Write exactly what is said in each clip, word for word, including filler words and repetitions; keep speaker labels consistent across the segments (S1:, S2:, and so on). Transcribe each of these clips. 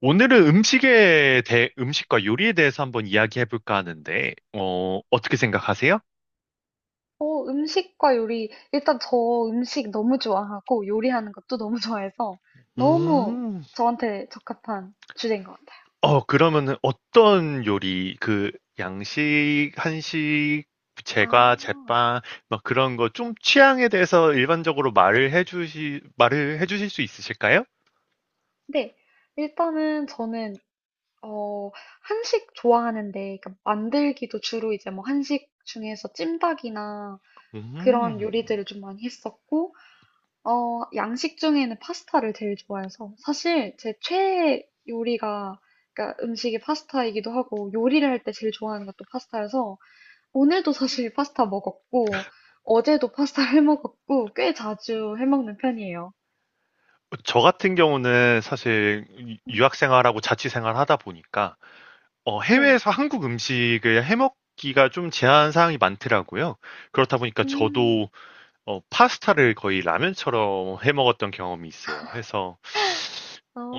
S1: 오늘은 음식에 대, 음식과 요리에 대해서 한번 이야기해볼까 하는데, 어, 어떻게 생각하세요?
S2: 어, 음식과 요리. 일단 저 음식 너무 좋아하고 요리하는 것도 너무 좋아해서 너무
S1: 음.
S2: 저한테 적합한 주제인 것 같아요.
S1: 어, 그러면은 어떤 요리, 그, 양식, 한식, 제과,
S2: 아,
S1: 제빵, 막 그런 거 좀 취향에 대해서 일반적으로 말을 해주시, 말을 해주실 수 있으실까요?
S2: 네. 일단은 저는, 어, 한식 좋아하는데, 그러니까 만들기도 주로 이제 뭐 한식 중에서 찜닭이나 그런
S1: 음.
S2: 요리들을 좀 많이 했었고, 어, 양식 중에는 파스타를 제일 좋아해서 사실 제 최애 요리가 그러니까 음식이 파스타이기도 하고 요리를 할 때 제일 좋아하는 것도 파스타여서 오늘도 사실 파스타 먹었고, 어제도 파스타 해 먹었고, 꽤 자주 해 먹는 편이에요.
S1: 저 같은 경우는 사실 유-
S2: 음.
S1: 유학 생활하고 자취 생활 하다 보니까, 어
S2: 네.
S1: 해외에서 한국 음식을 해 먹기가 좀 제한 사항이 많더라고요. 그렇다 보니까 저도
S2: 음,
S1: 어 파스타를 거의 라면처럼 해 먹었던 경험이 있어요. 해서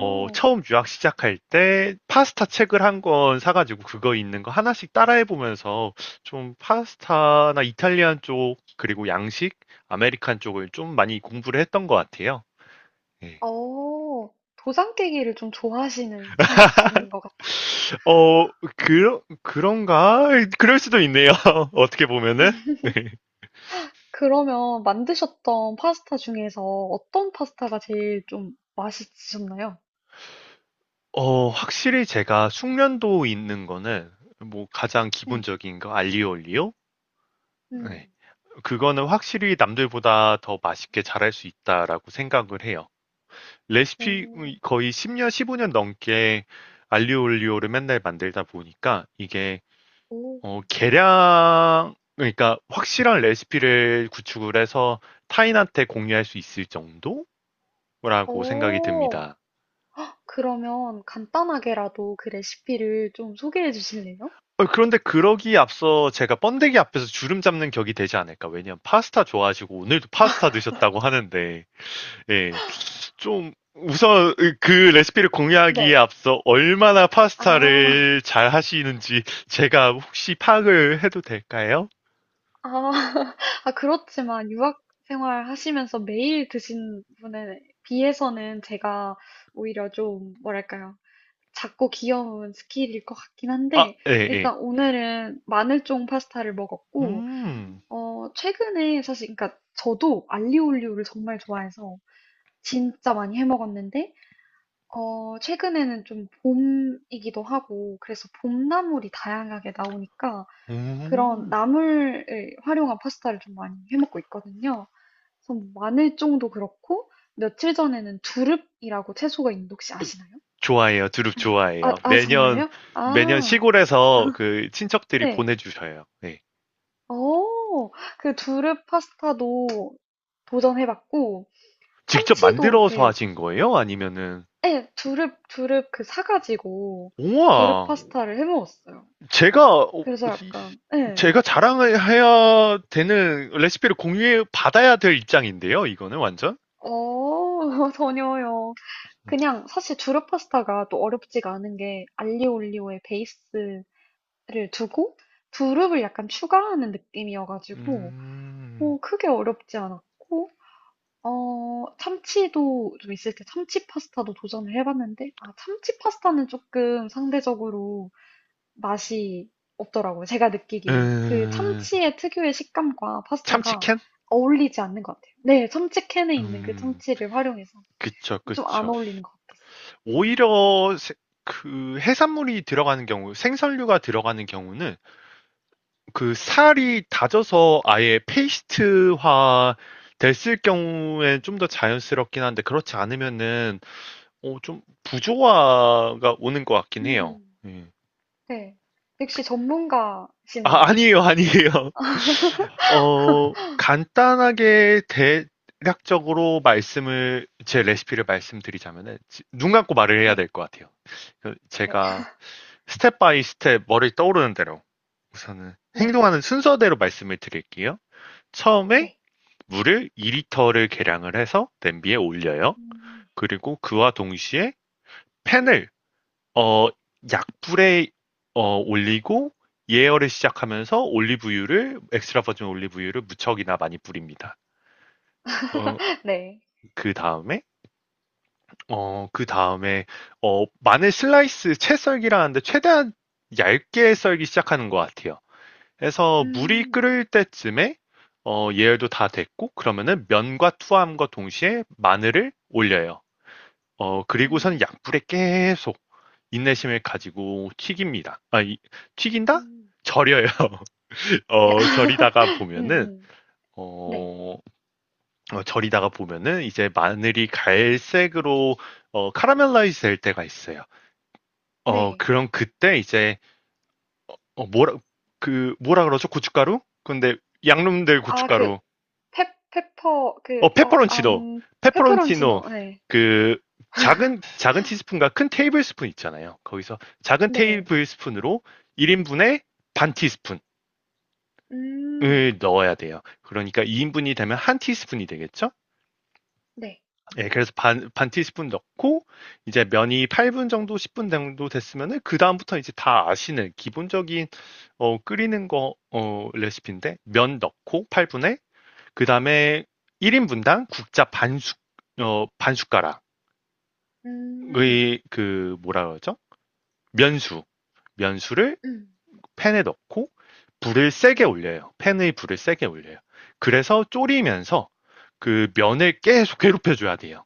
S1: 어 처음 유학 시작할 때 파스타 책을 한 권 사 가지고 그거 있는 거 하나씩 따라해 보면서 좀 파스타나 이탈리안 쪽 그리고 양식, 아메리칸 쪽을 좀 많이 공부를 했던 것 같아요. 예.
S2: 어, 도장깨기를 좀 좋아하시는 스타일이신 것 같아요.
S1: 어 그 그런가? 그럴 수도 있네요, 어떻게 보면은. 네.
S2: 그러면 만드셨던 파스타 중에서 어떤 파스타가 제일 좀 맛있으셨나요?
S1: 어, 확실히 제가 숙련도 있는 거는 뭐 가장
S2: 네.
S1: 기본적인 거 알리오 올리오? 네.
S2: 음,
S1: 그거는 확실히 남들보다 더 맛있게 잘할 수 있다라고 생각을 해요. 레시피
S2: 오,
S1: 거의 십 년, 십오 년 넘게 알리오 올리오를 맨날 만들다 보니까 이게
S2: 오,
S1: 어, 계량 그러니까 확실한 레시피를 구축을 해서 타인한테 공유할 수 있을 정도라고 생각이
S2: 오.
S1: 듭니다.
S2: 그러면 간단하게라도 그 레시피를 좀 소개해 주실래요?
S1: 어 그런데 그러기에 앞서 제가 번데기 앞에서 주름 잡는 격이 되지 않을까. 왜냐면 파스타 좋아하시고 오늘도 파스타 드셨다고 하는데, 예, 좀 우선 그 레시피를 공유하기에
S2: 네.
S1: 앞서 얼마나
S2: 아,
S1: 파스타를 잘 하시는지 제가 혹시 파악을 해도 될까요?
S2: 아, 아, 그렇지만 유학 생활 하시면서 매일 드신 분에 비해서는 제가 오히려 좀, 뭐랄까요. 작고 귀여운 스킬일 것 같긴
S1: 아,
S2: 한데,
S1: 예, 예.
S2: 일단 오늘은 마늘종 파스타를 먹었고,
S1: 음,
S2: 어, 최근에 사실, 그러니까 저도 알리올리오를 정말 좋아해서 진짜 많이 해 먹었는데, 어, 최근에는 좀 봄이기도 하고, 그래서 봄나물이 다양하게 나오니까, 그런
S1: 음.
S2: 나물을 활용한 파스타를 좀 많이 해 먹고 있거든요. 그래서 뭐 마늘종도 그렇고 며칠 전에는 두릅이라고 채소가 있는데 혹시 아시나요?
S1: 좋아해요. 두릅
S2: 네.
S1: 좋아해요.
S2: 아, 아
S1: 매년,
S2: 정말요?
S1: 매년
S2: 아
S1: 시골에서 그 친척들이
S2: 네.
S1: 보내주셔요. 네.
S2: 어. 그 두릅 파스타도 도전해 봤고
S1: 직접
S2: 참치도
S1: 만들어서
S2: 이렇게
S1: 하신 거예요? 아니면은.
S2: 예 두릅, 두릅 그 사 가지고 두릅
S1: 우와.
S2: 파스타를 해 먹었어요.
S1: 제가 어,
S2: 그래서 약간 예.
S1: 제가 자랑을 해야 되는 레시피를 공유해 받아야 될 입장인데요. 이거는 완전.
S2: 어. 전혀요. 그냥 사실 두루 파스타가 또 어렵지가 않은 게 알리오 올리오의 베이스를 두고 두릅을 약간 추가하는 느낌이어가지고
S1: 음.
S2: 뭐 크게 어렵지 않았고 어 참치도 좀 있을 때 참치 파스타도 도전을 해봤는데 아 참치 파스타는 조금 상대적으로 맛이 없더라고요. 제가 느끼기에는 그
S1: 음.
S2: 참치의 특유의 식감과 파스타가
S1: 참치캔.
S2: 어울리지 않는 것 같아요. 네, 참치 캔에 있는 그
S1: 음.
S2: 참치를 활용해서
S1: 그쵸,
S2: 좀 안
S1: 그쵸.
S2: 어울리는 것 같았어요. 음.
S1: 오히려 세- 그 해산물이 들어가는 경우 생선류가 들어가는 경우는 그 살이 다져서 아예 페이스트화 됐을 경우엔 좀 더 자연스럽긴 한데 그렇지 않으면은 어, 좀 부조화가
S2: 음.
S1: 오는 것 같긴 해요.
S2: 음.
S1: 예.
S2: 네. 역시
S1: 아,
S2: 전문가시네요.
S1: 아니에요, 아니에요. 어, 간단하게 대략적으로 말씀을, 제 레시피를 말씀드리자면은, 지- 눈 감고 말을 해야
S2: 네.
S1: 될 것 같아요. 그
S2: 네.
S1: 제가 스텝 바이 스텝 머리 떠오르는 대로 우선은
S2: 네.
S1: 행동하는 순서대로 말씀을 드릴게요. 처음에
S2: 네.
S1: 물을 이 리터를 계량을 해서 냄비에 올려요.
S2: 음.
S1: 그리고
S2: 네.
S1: 그와 동시에 팬을 어, 약불에 어, 올리고 예열을 시작하면서 올리브유를 엑스트라 버진 올리브유를 무척이나 많이 뿌립니다. 어,
S2: 네.
S1: 그 다음에 어, 그 다음에 어, 마늘 슬라이스 채 썰기라는데 최대한 얇게 썰기 시작하는 것 같아요. 그래서 물이
S2: 음.
S1: 끓을 때쯤에 어, 예열도 다 됐고 그러면은 면과 투하함과 동시에 마늘을 올려요. 어, 그리고서는
S2: 음.
S1: 약불에 계속 인내심을 가지고 튀깁니다. 아, 이- 튀긴다?
S2: 음.
S1: 절여요.
S2: 야
S1: 어, 절이다가
S2: 음
S1: 보면은,
S2: 음. 네.
S1: 어, 어, 절이다가 보면은 이제 마늘이 갈색으로, 어, 카라멜라이즈 될 때가 있어요. 어,
S2: 네.
S1: 그럼 그때 이제, 어, 뭐라, 그, 뭐라 그러죠? 고춧가루? 근데 양놈들
S2: 아
S1: 고춧가루.
S2: 그 페 페퍼 그
S1: 어,
S2: 어
S1: 페퍼론치노.
S2: 암
S1: 페퍼론치노.
S2: 페퍼론치노. 네
S1: 그 작은 작은 티스푼과 큰 테이블 스푼 있잖아요. 거기서 작은
S2: 네.
S1: 테이블 스푼으로 일 인분에 반 티스푼을
S2: 음.
S1: 넣어야 돼요. 그러니까 이 인분이 되면 한 티스푼이 되겠죠?
S2: 네.
S1: 예, 그래서 반, 반 티스푼 넣고 이제 면이 팔 분 정도 십 분 정도 됐으면은 그 다음부터 이제 다 아시는 기본적인 어, 끓이는 거 어, 레시피인데 면 넣고 팔 분에 그 다음에 일 인분당 국자 반 숟, 어, 반 숟가락
S2: 음.
S1: 의 그 뭐라 그러죠? 면수 면수를
S2: 음.
S1: 팬에 넣고 불을 세게
S2: 네.
S1: 올려요. 팬의 불을 세게 올려요. 그래서 졸이면서 그 면을 계속 괴롭혀줘야 돼요.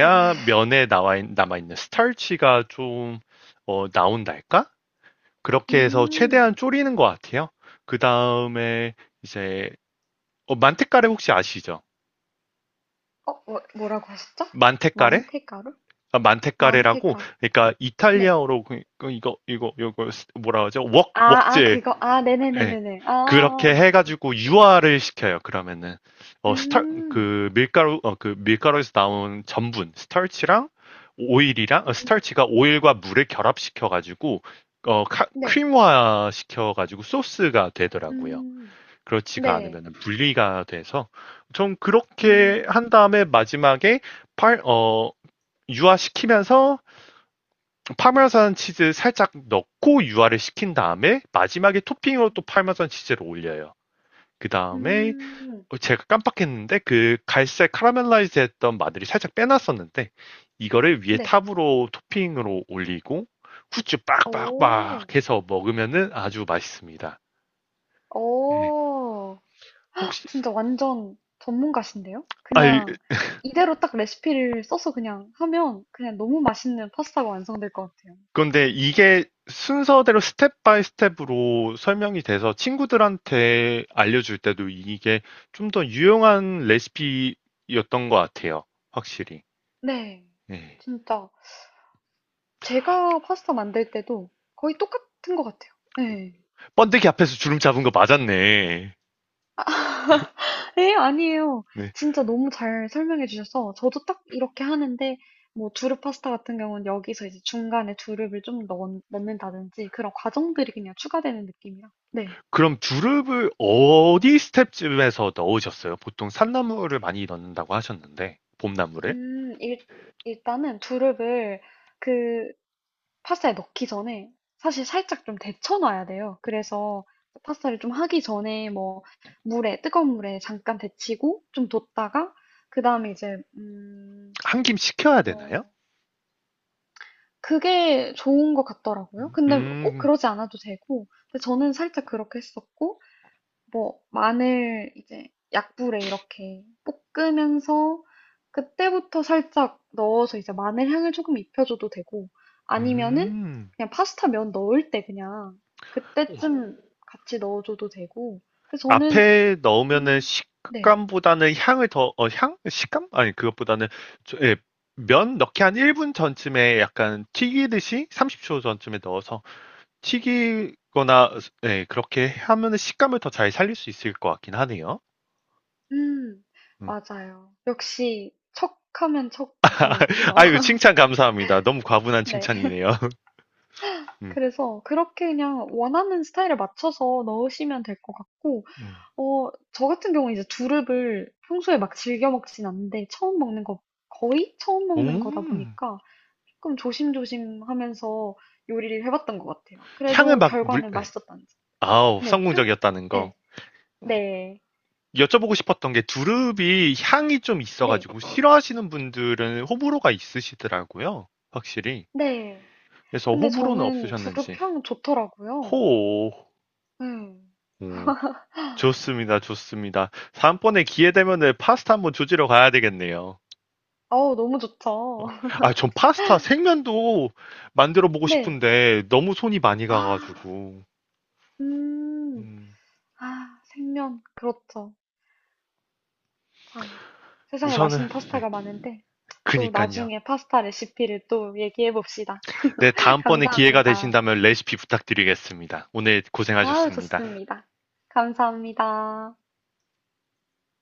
S2: 음.
S1: 면에 나와 남아 있는 스타치가 좀 어, 나온달까? 그렇게 해서
S2: 음.
S1: 최대한 졸이는 것 같아요. 그 다음에 이제 어, 만테카레 혹시 아시죠?
S2: 어 뭐 뭐라고 하셨죠?
S1: 만테카레?
S2: 만테가루
S1: 아,
S2: 만테
S1: 만테카레라고
S2: 가루
S1: 그러니까
S2: 네.
S1: 이탈리아어로 그- 그 이거 이거 이거 뭐라 하죠? 웍
S2: 아, 아,
S1: 웍젤.
S2: 그거. 아,
S1: 네.
S2: 네네네네네. 아, 아,
S1: 그렇게 해
S2: 아.
S1: 가지고 유화를 시켜요. 그러면은 어 스타
S2: 음,
S1: 그 밀가루 어 그 밀가루에서 나온 전분, 스타치랑 오일이랑 어,
S2: 음,
S1: 스타치가 오일과 물을 결합시켜 가지고 어 카-
S2: 네.
S1: 크림화 시켜 가지고 소스가 되더라고요.
S2: 음,
S1: 그렇지가
S2: 네.
S1: 않으면 분리가 돼서 좀
S2: 음,
S1: 그렇게
S2: 음,
S1: 한 다음에 마지막에 팔 어 유화시키면서 파마산 치즈 살짝 넣고 유화를 시킨 다음에 마지막에 토핑으로 또 파마산 치즈를 올려요. 그
S2: 음,
S1: 다음에
S2: 음,
S1: 어, 제가 깜빡했는데 그 갈색 카라멜라이즈 했던 마늘이 살짝 빼놨었는데 이거를 위에
S2: 네.
S1: 탑으로 토핑으로 올리고 후추
S2: 오,
S1: 빡빡빡 해서 먹으면은 아주 맛있습니다. 음.
S2: 오.
S1: 혹시
S2: 진짜 완전 전문가신데요?
S1: 아
S2: 그냥 이대로 딱 레시피를 써서 그냥 하면 그냥 너무 맛있는 파스타가 완성될 것 같아요.
S1: 근데 이게 순서대로 스텝 바이 스텝으로 설명이 돼서 친구들한테 알려줄 때도 이게 좀 더 유용한 레시피였던 것 같아요. 확실히.
S2: 네.
S1: 네.
S2: 진짜. 제가 파스타 만들 때도 거의 똑같은 것 같아요. 네.
S1: 번데기 앞에서 주름 잡은 거 맞았네.
S2: 에, 아니에요.
S1: 네.
S2: 진짜 너무 잘 설명해 주셔서 저도 딱 이렇게 하는데 뭐 두릅 파스타 같은 경우는 여기서 이제 중간에 두릅을 좀 넣, 넣는다든지 그런 과정들이 그냥 추가되는 느낌이라. 네.
S1: 그럼 두릅을 어디 스텝쯤에서 넣으셨어요? 보통 산나물을 많이 넣는다고 하셨는데, 봄나물을?
S2: 음, 일, 일단은 두릅을 그 파스타에 넣기 전에 사실 살짝 좀 데쳐놔야 돼요. 그래서 파스타를 좀 하기 전에 뭐 물에, 뜨거운 물에 잠깐 데치고 좀 뒀다가 그 다음에 이제, 음,
S1: 한 김 식혀야 되나요?
S2: 어, 그게 좋은 것 같더라고요. 근데 꼭
S1: 음,
S2: 그러지 않아도 되고, 근데 저는 살짝 그렇게 했었고, 뭐, 마늘 이제 약불에 이렇게 볶으면서, 그때부터 살짝 넣어서 이제 마늘 향을 조금 입혀줘도 되고, 아니면은
S1: 음.
S2: 그냥 파스타 면 넣을 때 그냥 그때쯤 같이 넣어줘도 되고, 근데 저는,
S1: 앞에 넣으면은
S2: 음, 네,
S1: 식감보다는 향을 더, 어, 향? 식감? 아니, 그것보다는, 저- 예, 면 넣기 한 일 분 전쯤에 약간 튀기듯이 삼십 초 전쯤에 넣어서 튀기거나, 예, 그렇게 하면은 식감을 더 잘 살릴 수 있을 것 같긴 하네요.
S2: 음,
S1: 음.
S2: 맞아요. 역시 척하면 척 아시는군요.
S1: 아유, 칭찬 감사합니다. 너무 과분한
S2: 네.
S1: 칭찬이네요. 음.
S2: 그래서 그렇게 그냥 원하는 스타일에 맞춰서 넣으시면 될 것 같고,
S1: 음.
S2: 어, 저 같은 경우는 이제 두릅을 평소에 막 즐겨 먹진 않는데, 처음 먹는 거, 거의 처음 먹는 거다
S1: 음.
S2: 보니까 조금 조심조심 하면서 요리를 해봤던 것 같아요.
S1: 향을
S2: 그래도
S1: 막 물,
S2: 결과는
S1: 예.
S2: 맛있었다는 점.
S1: 아우,
S2: 네, 향?
S1: 성공적이었다는 거.
S2: 네, 네,
S1: 여쭤보고 싶었던 게 두릅이 향이 좀
S2: 네,
S1: 있어가지고 싫어하시는 분들은 호불호가 있으시더라고요. 확실히.
S2: 네.
S1: 그래서
S2: 근데
S1: 호불호는
S2: 저는
S1: 없으셨는지.
S2: 두릅 향 좋더라고요.
S1: 호.
S2: 네.
S1: 오, 좋습니다, 좋습니다. 다음번에 기회 되면은 파스타 한번 조지러 가야 되겠네요.
S2: 어우, 너무 좋죠.
S1: 어, 아, 전 파스타 생면도 만들어 보고
S2: 네.
S1: 싶은데 너무 손이 많이
S2: 아,
S1: 가가지고.
S2: 음.
S1: 음.
S2: 아, 생면. 그렇죠. 참. 세상에
S1: 우선은,
S2: 맛있는
S1: 네,
S2: 파스타가 많은데, 또
S1: 그니깐요.
S2: 나중에 파스타 레시피를 또 얘기해 봅시다.
S1: 네, 다음번에 기회가
S2: 감사합니다.
S1: 되신다면 레시피 부탁드리겠습니다. 오늘
S2: 아우,
S1: 고생하셨습니다.
S2: 좋습니다. 감사합니다.